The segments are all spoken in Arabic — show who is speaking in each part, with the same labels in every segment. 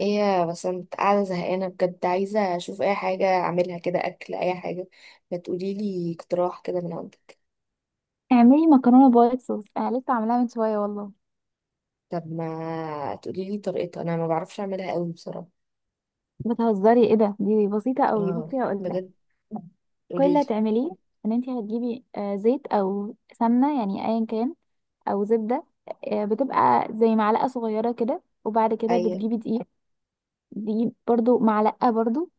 Speaker 1: ايه يا بسنت، قاعدة زهقانة بجد. عايزة اشوف اي حاجة اعملها كده، اكل اي حاجة. ما تقوليلي اقتراح كده من عندك.
Speaker 2: اعملي مكرونه وايت صوص. انا لسه عاملاها من شويه والله.
Speaker 1: طب ما تقوليلي طريقتها، انا ما بعرفش اعملها قوي بصراحة.
Speaker 2: بتهزري؟ ايه ده، دي بسيطه قوي.
Speaker 1: اه
Speaker 2: بصي هقول لك
Speaker 1: بجد؟
Speaker 2: كل
Speaker 1: قوليلي.
Speaker 2: اللي هتعمليه. ان انت هتجيبي زيت او سمنه، يعني ايا كان، او زبده. بتبقى زي معلقه صغيره كده، وبعد كده
Speaker 1: ايوه.
Speaker 2: بتجيبي دقيق، دي برضو معلقة برضو.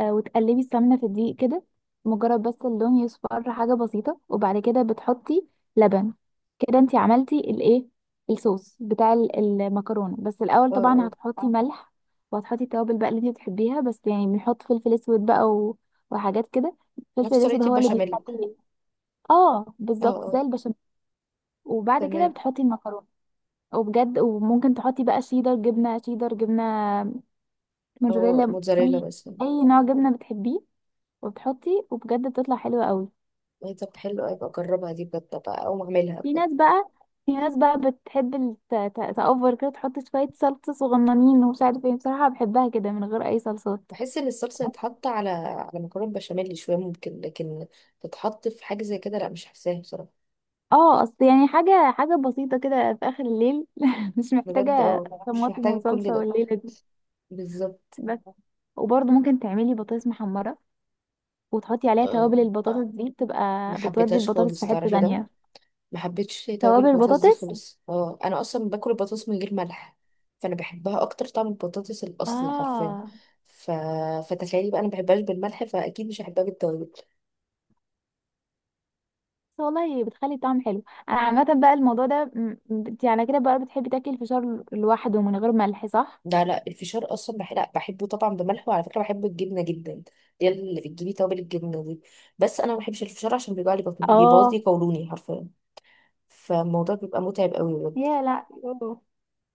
Speaker 2: وتقلبي السمنة في الدقيق كده، مجرد بس اللون يصفر، حاجة بسيطة. وبعد كده بتحطي لبن. كده انتي عملتي الايه، الصوص بتاع المكرونة. بس الأول
Speaker 1: اه
Speaker 2: طبعا
Speaker 1: اه،
Speaker 2: هتحطي ملح، وهتحطي التوابل بقى اللي انتي بتحبيها. بس يعني بنحط فلفل اسود بقى وحاجات كده. الفلفل
Speaker 1: نفس
Speaker 2: الاسود
Speaker 1: طريقة
Speaker 2: هو اللي
Speaker 1: البشاميل.
Speaker 2: بيخلي. اه
Speaker 1: اه
Speaker 2: بالظبط زي
Speaker 1: اه،
Speaker 2: البشاميل. وبعد كده
Speaker 1: تمام.
Speaker 2: بتحطي المكرونة. وبجد وممكن تحطي بقى شيدر، جبنة شيدر، جبنة
Speaker 1: اه،
Speaker 2: موتزاريلا، في
Speaker 1: موتزاريلا مثلا.
Speaker 2: اي نوع جبنه بتحبيه. وبتحطي وبجد بتطلع حلوه قوي.
Speaker 1: ايه طب، حلو اوي بقى، اجربها دي بجد بقى او اعملها
Speaker 2: في
Speaker 1: بجد.
Speaker 2: ناس بقى في ناس بقى بتحب تأوفر كده، تحط شويه صلصه صغننين ومش عارف ايه. بصراحه بحبها كده من غير اي صلصات.
Speaker 1: بحس ان الصلصة تتحط على مكرونة بشاميل شوية ممكن، لكن تتحط في حاجة زي كده لا، مش حاساها بصراحة.
Speaker 2: اه اصل يعني حاجه بسيطه كده في اخر الليل مش
Speaker 1: بجد
Speaker 2: محتاجه
Speaker 1: اه، مش
Speaker 2: طماطم
Speaker 1: محتاجة كل
Speaker 2: وصلصه
Speaker 1: ده
Speaker 2: والليله دي.
Speaker 1: بالظبط.
Speaker 2: بس وبرضه ممكن تعملي بطاطس محمره وتحطي عليها
Speaker 1: آه،
Speaker 2: توابل. البطاطس دي
Speaker 1: ما
Speaker 2: بتبقى بتودي
Speaker 1: حبيتهاش
Speaker 2: البطاطس في
Speaker 1: خالص
Speaker 2: حته
Speaker 1: تعرفي ده.
Speaker 2: تانية.
Speaker 1: ما حبيتش توابل
Speaker 2: توابل
Speaker 1: البطاطس دي
Speaker 2: البطاطس،
Speaker 1: خالص. اه انا اصلا باكل البطاطس من غير ملح، فانا بحبها اكتر، طعم البطاطس الاصلي حرفيا.
Speaker 2: اه
Speaker 1: ف... فتخيلي بقى انا ما بحبهاش بالملح، فاكيد مش هحبها بالتوابل.
Speaker 2: والله بتخلي الطعم حلو. انا عامه بقى الموضوع ده انت على كده بقى بتحبي تاكلي الفشار لوحده من غير ملح، صح؟
Speaker 1: لا لا، الفشار اصلا لا بحبه طبعا بملح، وعلى فكره بحب الجبنه جدا دي اللي بتجيبي توابل الجبنه دي. بس انا ما بحبش الفشار عشان بيوجع لي بطني، بيبوظ
Speaker 2: اه
Speaker 1: لي قولوني حرفيا. فالموضوع بيبقى متعب قوي بجد.
Speaker 2: يا لا أوه.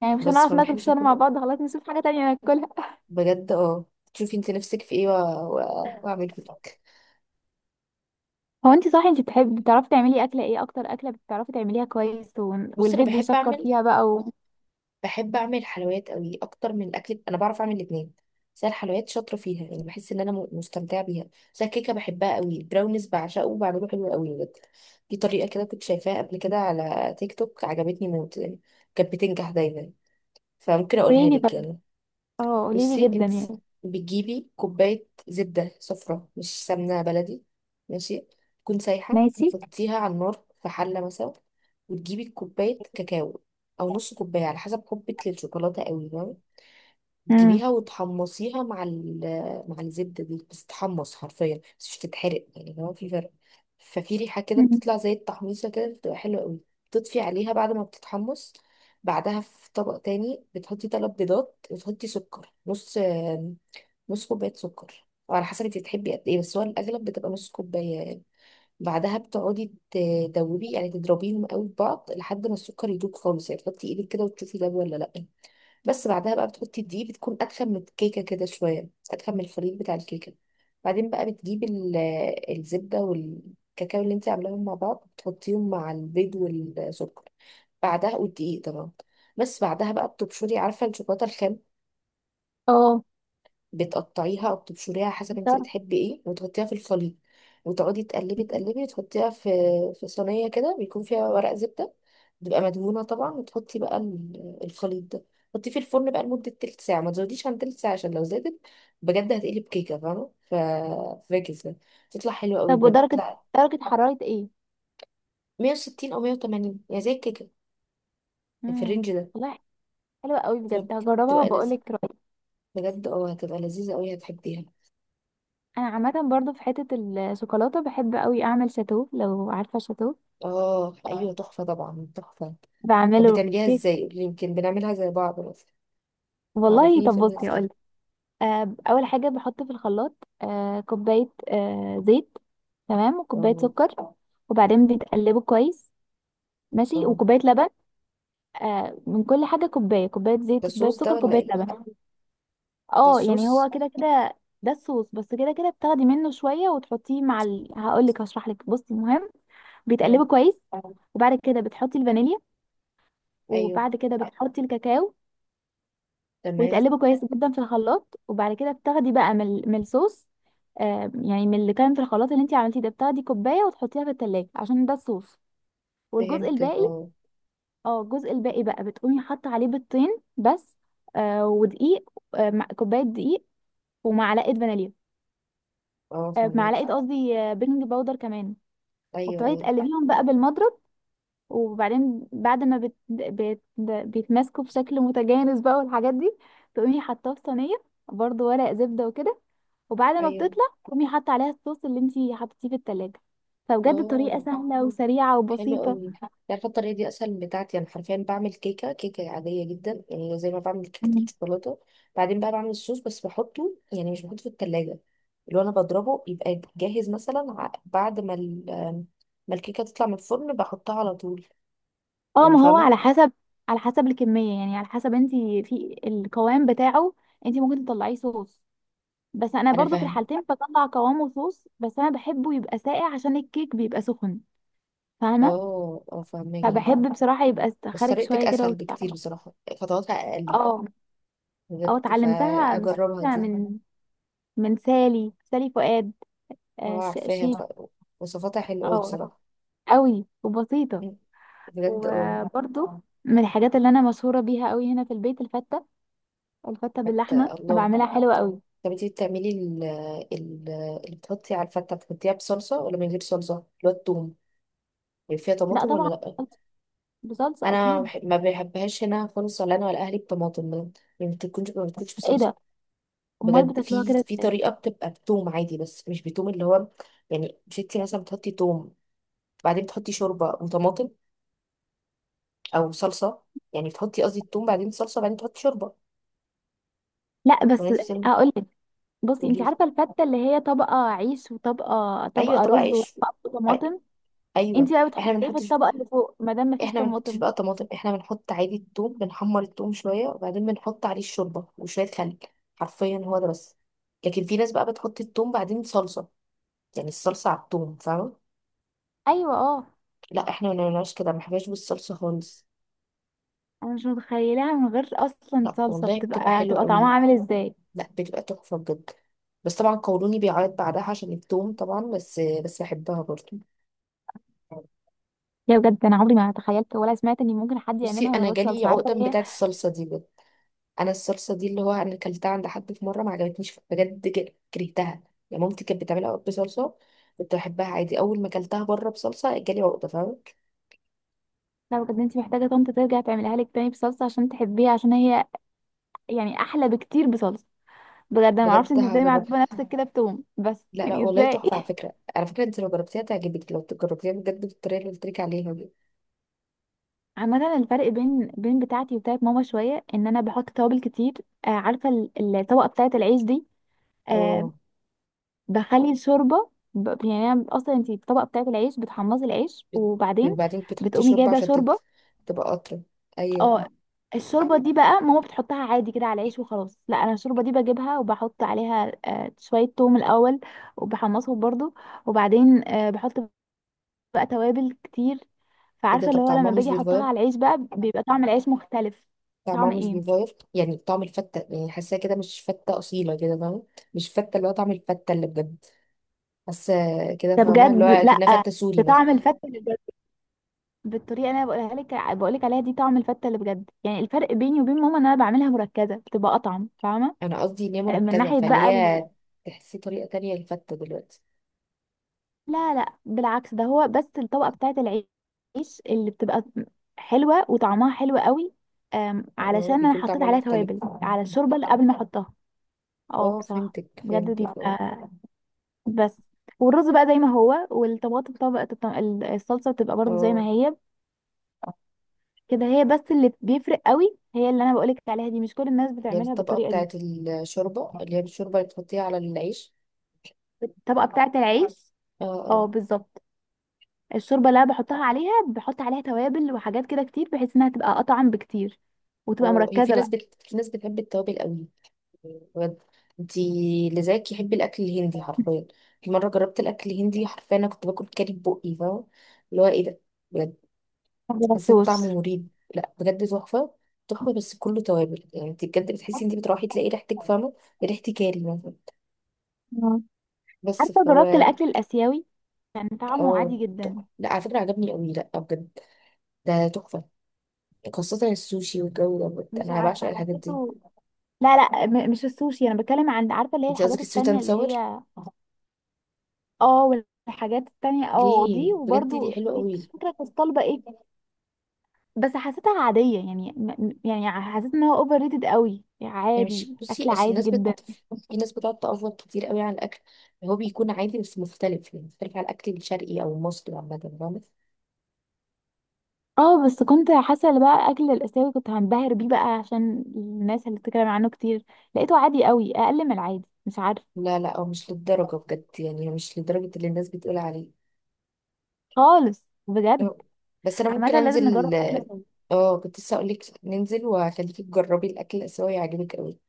Speaker 2: يعني مش
Speaker 1: بس
Speaker 2: هنعرف
Speaker 1: فما
Speaker 2: ناكل
Speaker 1: بحبش
Speaker 2: فشار
Speaker 1: اكل
Speaker 2: مع
Speaker 1: أوي.
Speaker 2: بعض، خلاص نشوف حاجه تانية ناكلها.
Speaker 1: بجد اه. تشوفي انت نفسك في ايه واعمله لك.
Speaker 2: هو انت صح، انت بتحبي، بتعرفي تعملي اكله ايه اكتر؟ اكله بتعرفي تعمليها كويس
Speaker 1: بص، انا
Speaker 2: والبيت
Speaker 1: بحب
Speaker 2: بيشكر
Speaker 1: اعمل،
Speaker 2: فيها بقى و-.
Speaker 1: بحب اعمل حلويات قوي اكتر من الاكل. انا بعرف اعمل الاثنين، بس أنا الحلويات شاطره فيها. يعني بحس ان انا مستمتعه بيها. بس الكيكه بحبها قوي، البراونيز بعشقه وبعمله حلو قوي بجد. دي طريقه كده كنت شايفاها قبل كده على تيك توك، عجبتني موت يعني. كانت بتنجح دايما. فممكن
Speaker 2: قولي
Speaker 1: اقولها
Speaker 2: لي
Speaker 1: لك
Speaker 2: طيب،
Speaker 1: يعني.
Speaker 2: اه قولي لي
Speaker 1: بصي
Speaker 2: جدا
Speaker 1: انت،
Speaker 2: يعني.
Speaker 1: بتجيبي كوباية زبدة صفرا مش سمنة بلدي، ماشي، تكون سايحة.
Speaker 2: ماشي.
Speaker 1: تحطيها على النار في حلة مثلا، وتجيبي كوباية كاكاو، أو نص كوباية على حسب حبك للشوكولاتة قوي.
Speaker 2: امم
Speaker 1: تجيبيها وتحمصيها مع الزبدة دي، بس تحمص حرفيا، بس مش تتحرق يعني، هو في فرق. ففي ريحة كده
Speaker 2: أمم.
Speaker 1: بتطلع زي التحميصة كده، بتبقى حلوة قوي. تطفي عليها بعد ما بتتحمص. بعدها في طبق تاني، بتحطي تلات بيضات وتحطي سكر، نص نص كوباية سكر أو على حسب انت بتحبي قد ايه، بس هو الأغلب بتبقى نص كوباية يعني. بعدها بتقعدي تدوبي يعني، تضربيهم قوي في بعض لحد ما السكر يدوب خالص، يعني تحطي ايدك كده وتشوفي ده ولا لأ. بس بعدها بقى بتحطي الدقيق، بتكون اتخن من الكيكه كده شويه، اتخن من الخليط بتاع الكيكه. بعدين بقى بتجيبي الزبده والكاكاو اللي انت عاملاهم مع بعض، بتحطيهم مع البيض والسكر بعدها، والدقيق طبعا. بس بعدها بقى بتبشري، عارفه الشوكولاته الخام،
Speaker 2: اه
Speaker 1: بتقطعيها او بتبشريها حسب انت
Speaker 2: درجة-
Speaker 1: بتحبي ايه، وتحطيها في الخليط وتقعدي تقلبي تقلبي. تحطيها في في صينيه كده بيكون فيها ورق زبده، بتبقى مدهونه طبعا، وتحطي بقى الخليط ده. حطيه في الفرن بقى لمده تلت ساعه، ما تزوديش عن تلت ساعه عشان لو زادت بجد هتقلب كيكه، فاهمه؟ ف فاكس ده، تطلع حلوه قوي
Speaker 2: طب
Speaker 1: بجد،
Speaker 2: ودرجه،
Speaker 1: تطلع.
Speaker 2: درجه حراره ايه؟
Speaker 1: 160 او 180 يعني، زي الكيكه، في
Speaker 2: امم
Speaker 1: الرينج ده.
Speaker 2: والله حلوه قوي بجد، هجربها
Speaker 1: بتبقى
Speaker 2: وبقول
Speaker 1: لذيذه
Speaker 2: لك.
Speaker 1: بجد اه، هتبقى لذيذه قوي هتحبيها.
Speaker 2: انا عامه برضو في حته، الشوكولاته بحب قوي اعمل شاتو، لو عارفه شاتو.
Speaker 1: اه ايوه تحفه طبعا، تحفه. طب
Speaker 2: بعمله
Speaker 1: بتعمليها
Speaker 2: كيك.
Speaker 1: ازاي؟ قولي يمكن بنعملها زي بعض مثلا،
Speaker 2: والله
Speaker 1: تعرفيني
Speaker 2: طب
Speaker 1: في
Speaker 2: بصي
Speaker 1: ازاي.
Speaker 2: اقول. اول حاجه بحط في الخلاط كوبايه، زيت. تمام، وكوبايه
Speaker 1: اه
Speaker 2: سكر، وبعدين بتقلبه كويس. ماشي،
Speaker 1: اه،
Speaker 2: وكوبايه لبن. من كل حاجه كوبايه، كوبايه
Speaker 1: ده
Speaker 2: زيت، كوبايه
Speaker 1: الصوص ده
Speaker 2: سكر،
Speaker 1: ولا
Speaker 2: كوبايه
Speaker 1: ايه؟
Speaker 2: لبن.
Speaker 1: ده
Speaker 2: اه يعني هو
Speaker 1: الصوص.
Speaker 2: كده كده. ده الصوص، بس كده كده بتاخدي منه شويه وتحطيه مع هقول لك هشرح لك، بصي المهم. بتقلبه
Speaker 1: مم.
Speaker 2: كويس، وبعد كده بتحطي الفانيليا،
Speaker 1: ايوه.
Speaker 2: وبعد كده بتحطي الكاكاو،
Speaker 1: تمام.
Speaker 2: ويتقلبوا كويس جدا في الخلاط. وبعد كده بتاخدي بقى من من الصوص، يعني من اللي كان في الخلاط اللي انت عملتيه ده، بتاخدي كوبايه وتحطيها في التلاجة، عشان ده الصوص. والجزء
Speaker 1: فهمت
Speaker 2: الباقي،
Speaker 1: اه.
Speaker 2: اه الجزء الباقي بقى بتقومي حاطه عليه بيضتين بس، آه ودقيق، آه كوبايه دقيق، ومعلقه فانيليا،
Speaker 1: اه
Speaker 2: آه
Speaker 1: فهمك.
Speaker 2: معلقه، قصدي آه بيكنج باودر كمان.
Speaker 1: ايوه
Speaker 2: وبتقعدي
Speaker 1: ايوه.
Speaker 2: تقلبيهم بقى بالمضرب، وبعدين بعد ما بيتماسكوا بشكل متجانس بقى والحاجات دي، تقومي حاطاه في صينيه، برضو ورق زبده وكده. وبعد ما
Speaker 1: ايوه
Speaker 2: بتطلع تقومي حاطه عليها الصوص اللي انتي حطيتيه في التلاجة. فبجد طريقه
Speaker 1: اه.
Speaker 2: سهله آه. وسريعه
Speaker 1: حلو
Speaker 2: وبسيطه.
Speaker 1: قوي. عارفه الطريقه دي اسهل من بتاعتي. انا حرفيا بعمل كيكه عاديه جدا يعني، زي ما بعمل كيكه
Speaker 2: مم.
Speaker 1: الشوكولاته. بعدين بقى بعمل الصوص، بس بحطه يعني، مش بحطه في التلاجة. اللي هو انا بضربه يبقى جاهز مثلا، بعد ما ما الكيكه تطلع من الفرن بحطها على طول.
Speaker 2: اه
Speaker 1: يعني
Speaker 2: ما هو
Speaker 1: فاهمة؟
Speaker 2: على حسب، على حسب الكميه، يعني على حسب انتي في القوام بتاعه. انتي ممكن تطلعيه صوص، بس انا
Speaker 1: أنا
Speaker 2: برضو في
Speaker 1: فاهم.
Speaker 2: الحالتين بطلع قوامه صوص، بس انا بحبه يبقى ساقع عشان الكيك بيبقى سخن. فاهمه؟
Speaker 1: اه اه، فاهماكي.
Speaker 2: فبحب بصراحه يبقى
Speaker 1: بس
Speaker 2: خارج
Speaker 1: طريقتك
Speaker 2: شويه كده.
Speaker 1: أسهل بكتير بصراحة، خطواتها أقل.
Speaker 2: اه اه
Speaker 1: بجد
Speaker 2: اتعلمتها مش
Speaker 1: فهجربها
Speaker 2: فاكرة
Speaker 1: دي.
Speaker 2: من، من سالي، سالي فؤاد.
Speaker 1: هو عارفاها.
Speaker 2: شيف.
Speaker 1: وصفاتها حلوة أوي
Speaker 2: اه
Speaker 1: بصراحة.
Speaker 2: قوي وبسيطة.
Speaker 1: مم. بجد اه.
Speaker 2: وبرضو من الحاجات اللي انا مشهورة بيها قوي هنا في البيت الفتة. الفتة باللحمة
Speaker 1: الله.
Speaker 2: بعملها حلوة قوي.
Speaker 1: طب انتي بتعملي ال... اللي بتحطي على الفتة، بتحطيها بصلصة ولا من غير صلصة، اللي هو التوم؟ يعني فيها
Speaker 2: لا
Speaker 1: طماطم ولا
Speaker 2: طبعا،
Speaker 1: لأ؟
Speaker 2: بصلصة، بصلصة
Speaker 1: أنا
Speaker 2: اكيد.
Speaker 1: ما بحبهاش هنا خالص، ولا أنا ولا أهلي بطماطم بجد. يعني ما بتكونش
Speaker 2: ايه
Speaker 1: بصلصة.
Speaker 2: ده، امال
Speaker 1: بجد
Speaker 2: بتاكلوها
Speaker 1: في
Speaker 2: كده
Speaker 1: في
Speaker 2: ازاي؟
Speaker 1: طريقه بتبقى بتوم عادي، بس مش بتوم اللي هو. يعني ستي مثلا بتحطي توم، بعدين بتحطي شوربه وطماطم او صلصه. يعني بتحطي قصدي التوم بعدين صلصه، بعدين تحطي شوربه.
Speaker 2: لا
Speaker 1: ولا
Speaker 2: بس
Speaker 1: انت بتعملي؟
Speaker 2: اقول لك، بصي
Speaker 1: قولي
Speaker 2: انت
Speaker 1: لي.
Speaker 2: عارفة الفتة اللي هي طبقة عيش وطبقة،
Speaker 1: ايوه
Speaker 2: طبقة
Speaker 1: طبق
Speaker 2: رز،
Speaker 1: عيش.
Speaker 2: وطبقة
Speaker 1: أي-
Speaker 2: طماطم. انت
Speaker 1: ايوه.
Speaker 2: بقى
Speaker 1: احنا
Speaker 2: بتحطي
Speaker 1: ما
Speaker 2: ايه في
Speaker 1: بنحطش،
Speaker 2: الطبقة اللي فوق ما دام مفيش
Speaker 1: احنا ما بنحطش
Speaker 2: طماطم؟
Speaker 1: بقى طماطم، احنا بنحط عادي التوم، بنحمر التوم شويه وبعدين بنحط عليه الشوربه وشويه خل، حرفيا هو ده بس. لكن في ناس بقى بتحط التوم بعدين صلصه، يعني الصلصه على التوم فاهمه.
Speaker 2: ايوه اه.
Speaker 1: لا احنا ما بنعملش كده، ما بنحبهاش بالصلصه خالص.
Speaker 2: انا مش متخيلاها من غير اصلا
Speaker 1: لا
Speaker 2: صلصه،
Speaker 1: والله بتبقى
Speaker 2: بتبقى
Speaker 1: حلوة
Speaker 2: تبقى طعمها
Speaker 1: قوي،
Speaker 2: عامل ازاي؟
Speaker 1: لا بتبقى تحفة بجد. بس طبعا قولوني بيعيط بعدها عشان التوم طبعا، بس بحبها برضو.
Speaker 2: يا بجد انا عمري ما تخيلت ولا سمعت ان ممكن حد
Speaker 1: بصي
Speaker 2: يعملها من
Speaker 1: انا
Speaker 2: غير
Speaker 1: جالي
Speaker 2: صلصه، عارفه
Speaker 1: عقدة
Speaker 2: هي.
Speaker 1: بتاعة الصلصة دي بجد. انا الصلصة دي اللي هو انا اكلتها عند حد في مرة ما عجبتنيش بجد، كرهتها. يعني مامتي كانت بتعملها بصلصة كنت بحبها عادي، اول ما اكلتها بره بصلصة جالي عقدة فاهمة.
Speaker 2: لا بجد انت محتاجه طنط ترجع تعملها لك تاني بصلصه عشان تحبيها، عشان هي يعني احلى بكتير بصلصه. بجد انا ما
Speaker 1: بجد
Speaker 2: اعرفش انت ازاي
Speaker 1: هجربها.
Speaker 2: معذبه نفسك كده بتوم بس،
Speaker 1: لا لا
Speaker 2: يعني
Speaker 1: والله
Speaker 2: ازاي
Speaker 1: تحفة، على فكرة على فكرة انت لو جربتيها تعجبك، لو جربتيها بجد بالطريقة اللي قلت لك عليها دي.
Speaker 2: عامة الفرق بين بتاعتي وبتاعت ماما شوية، ان انا بحط توابل كتير. آه عارفة الطبقة بتاعت العيش دي، آه،
Speaker 1: اه
Speaker 2: بخلي الشوربه يعني انا اصلا انت الطبقه بتاعت العيش بتحمصي العيش
Speaker 1: بت-
Speaker 2: وبعدين
Speaker 1: وبعدين بتحطي
Speaker 2: بتقومي
Speaker 1: شوربة
Speaker 2: جايبه
Speaker 1: عشان
Speaker 2: شوربه.
Speaker 1: تبقى أطرى. أيوه.
Speaker 2: اه الشوربه دي بقى ماما بتحطها عادي كده على العيش وخلاص. لا انا الشوربه دي بجيبها وبحط عليها شويه توم الاول، وبحمصهم برضو، وبعدين بحط بقى توابل كتير.
Speaker 1: ايه ده،
Speaker 2: فعارفه
Speaker 1: طب
Speaker 2: اللي هو
Speaker 1: طعمها
Speaker 2: لما
Speaker 1: مش
Speaker 2: باجي احطها
Speaker 1: بيتغير؟
Speaker 2: على العيش بقى بيبقى طعم العيش مختلف.
Speaker 1: طعمها
Speaker 2: طعم
Speaker 1: مش
Speaker 2: ايه،
Speaker 1: بيتغير، يعني طعم الفتة، يعني حاساها كده مش فتة أصيلة كده فاهمة. مش فتة، اللي هو طعم الفتة اللي بجد، حاسة كده
Speaker 2: ده
Speaker 1: فاهمة، اللي
Speaker 2: بجد
Speaker 1: هو
Speaker 2: لا،
Speaker 1: كأنها فتة سوري
Speaker 2: ده
Speaker 1: مثلا.
Speaker 2: طعم الفتة. بالطريقه اللي انا بقولها لك، بقول لك عليها دي طعم الفته اللي بجد. يعني الفرق بيني وبين ماما ان انا بعملها مركزه، بتبقى اطعم فاهمه.
Speaker 1: أنا قصدي إن هي
Speaker 2: من
Speaker 1: مركزة،
Speaker 2: ناحيه
Speaker 1: فاللي
Speaker 2: بقى
Speaker 1: هي تحسي طريقة تانية للفتة دلوقتي.
Speaker 2: لا لا، بالعكس ده هو، بس الطبقه بتاعه العيش اللي بتبقى حلوه وطعمها حلو قوي، علشان
Speaker 1: اه
Speaker 2: انا
Speaker 1: بيكون
Speaker 2: حطيت
Speaker 1: طعمها
Speaker 2: عليها
Speaker 1: مختلف.
Speaker 2: توابل، على الشوربه اللي قبل ما احطها. اه
Speaker 1: اه
Speaker 2: بصراحه
Speaker 1: فهمتك
Speaker 2: بجد
Speaker 1: فهمتك اه.
Speaker 2: بيبقى، بس. والرز بقى زي ما هو، والطماطم طبقه الصلصه بتبقى برضو زي ما
Speaker 1: اه،
Speaker 2: هي. كده هي بس اللي بيفرق قوي، هي اللي انا بقولك عليها دي، مش كل الناس
Speaker 1: اللي هي
Speaker 2: بتعملها
Speaker 1: الطبقة
Speaker 2: بالطريقه دي.
Speaker 1: بتاعت الشوربة، اللي هي الشوربة اللي بتحطيها على العيش.
Speaker 2: الطبقه بتاعه العيش،
Speaker 1: اه
Speaker 2: اه
Speaker 1: آه.
Speaker 2: بالظبط. الشوربه اللي انا بحطها عليها بحط عليها توابل وحاجات كده كتير، بحيث انها تبقى اطعم بكتير وتبقى
Speaker 1: اه هي، في
Speaker 2: مركزه
Speaker 1: ناس
Speaker 2: بقى.
Speaker 1: في ناس بتحب التوابل قوي بجد. انتي اللي زيك يحب الاكل الهندي حرفيا. في مره جربت الاكل الهندي حرفيا، انا كنت باكل كاري ببقي فاهمه، اللي هو ايه ده بجد،
Speaker 2: ما
Speaker 1: حسيت
Speaker 2: جربتوش.
Speaker 1: طعمه مريب. لا بجد تحفه، تحفه بس كله توابل يعني. انت بجد بتحسي، انت بتروحي تلاقي ريحتك فاهمه، ريحه كاري مثلا.
Speaker 2: مم.
Speaker 1: بس
Speaker 2: عارفه جربت
Speaker 1: فهو.
Speaker 2: الاكل الاسيوي، كان طعمه
Speaker 1: اه
Speaker 2: عادي
Speaker 1: تحفة.
Speaker 2: جدا،
Speaker 1: لا على فكره عجبني قوي، لا بجد ده تحفه، خاصه السوشي والجو ده بجد.
Speaker 2: مش
Speaker 1: انا بعشق
Speaker 2: عارفه
Speaker 1: الحاجات دي.
Speaker 2: حسيته. لا لا، مش السوشي، انا بتكلم عن، عارفه اللي هي
Speaker 1: انت
Speaker 2: الحاجات
Speaker 1: قصدك السويت
Speaker 2: التانية
Speaker 1: اند
Speaker 2: اللي
Speaker 1: ساور؟
Speaker 2: هي. اه والحاجات التانية اه
Speaker 1: ليه؟
Speaker 2: دي،
Speaker 1: بجد دي
Speaker 2: وبرده
Speaker 1: حلوه
Speaker 2: في
Speaker 1: قوي.
Speaker 2: مش فاكره كنت طالبه ايه. بس حسيتها عادية، يعني يعني حسيت ان هو اوفر ريتد قوي،
Speaker 1: يعني مش،
Speaker 2: عادي
Speaker 1: بصي
Speaker 2: اكل
Speaker 1: اصل
Speaker 2: عادي
Speaker 1: الناس
Speaker 2: جدا.
Speaker 1: في ناس بتقعد تأفور كتير قوي على الاكل، اللي هو بيكون عادي بس مختلف يعني، مختلف على الاكل الشرقي او المصري عامه فاهمة؟
Speaker 2: اه بس كنت حاسة اللي بقى اكل الاسيوي كنت هنبهر بيه بقى عشان الناس اللي بتتكلم عنه كتير، لقيته عادي قوي، اقل من العادي مش عارفة،
Speaker 1: لا لا، هو مش للدرجه بجد، يعني هو مش لدرجه اللي الناس بتقول عليه.
Speaker 2: خالص بجد.
Speaker 1: لا. بس انا ممكن
Speaker 2: عامة لازم
Speaker 1: انزل.
Speaker 2: نجرب اكل سوا.
Speaker 1: اه كنت لسه اقول لك ننزل وهخليكي تجربي الاكل الاسيوي، هيعجبك قوي.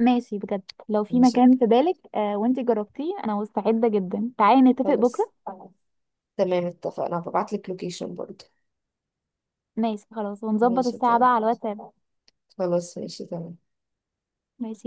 Speaker 2: ماشي بجد، لو في
Speaker 1: ماشي
Speaker 2: مكان في بالك آه وانتي جربتيه، انا مستعدة جدا، تعالي نتفق
Speaker 1: خلاص
Speaker 2: بكرة خلاص.
Speaker 1: تمام اتفقنا، هبعت لك لوكيشن برضه.
Speaker 2: ماشي خلاص، ونظبط
Speaker 1: ماشي
Speaker 2: الساعة بقى
Speaker 1: تمام.
Speaker 2: على الواتساب.
Speaker 1: خلاص ماشي تمام.
Speaker 2: ماشي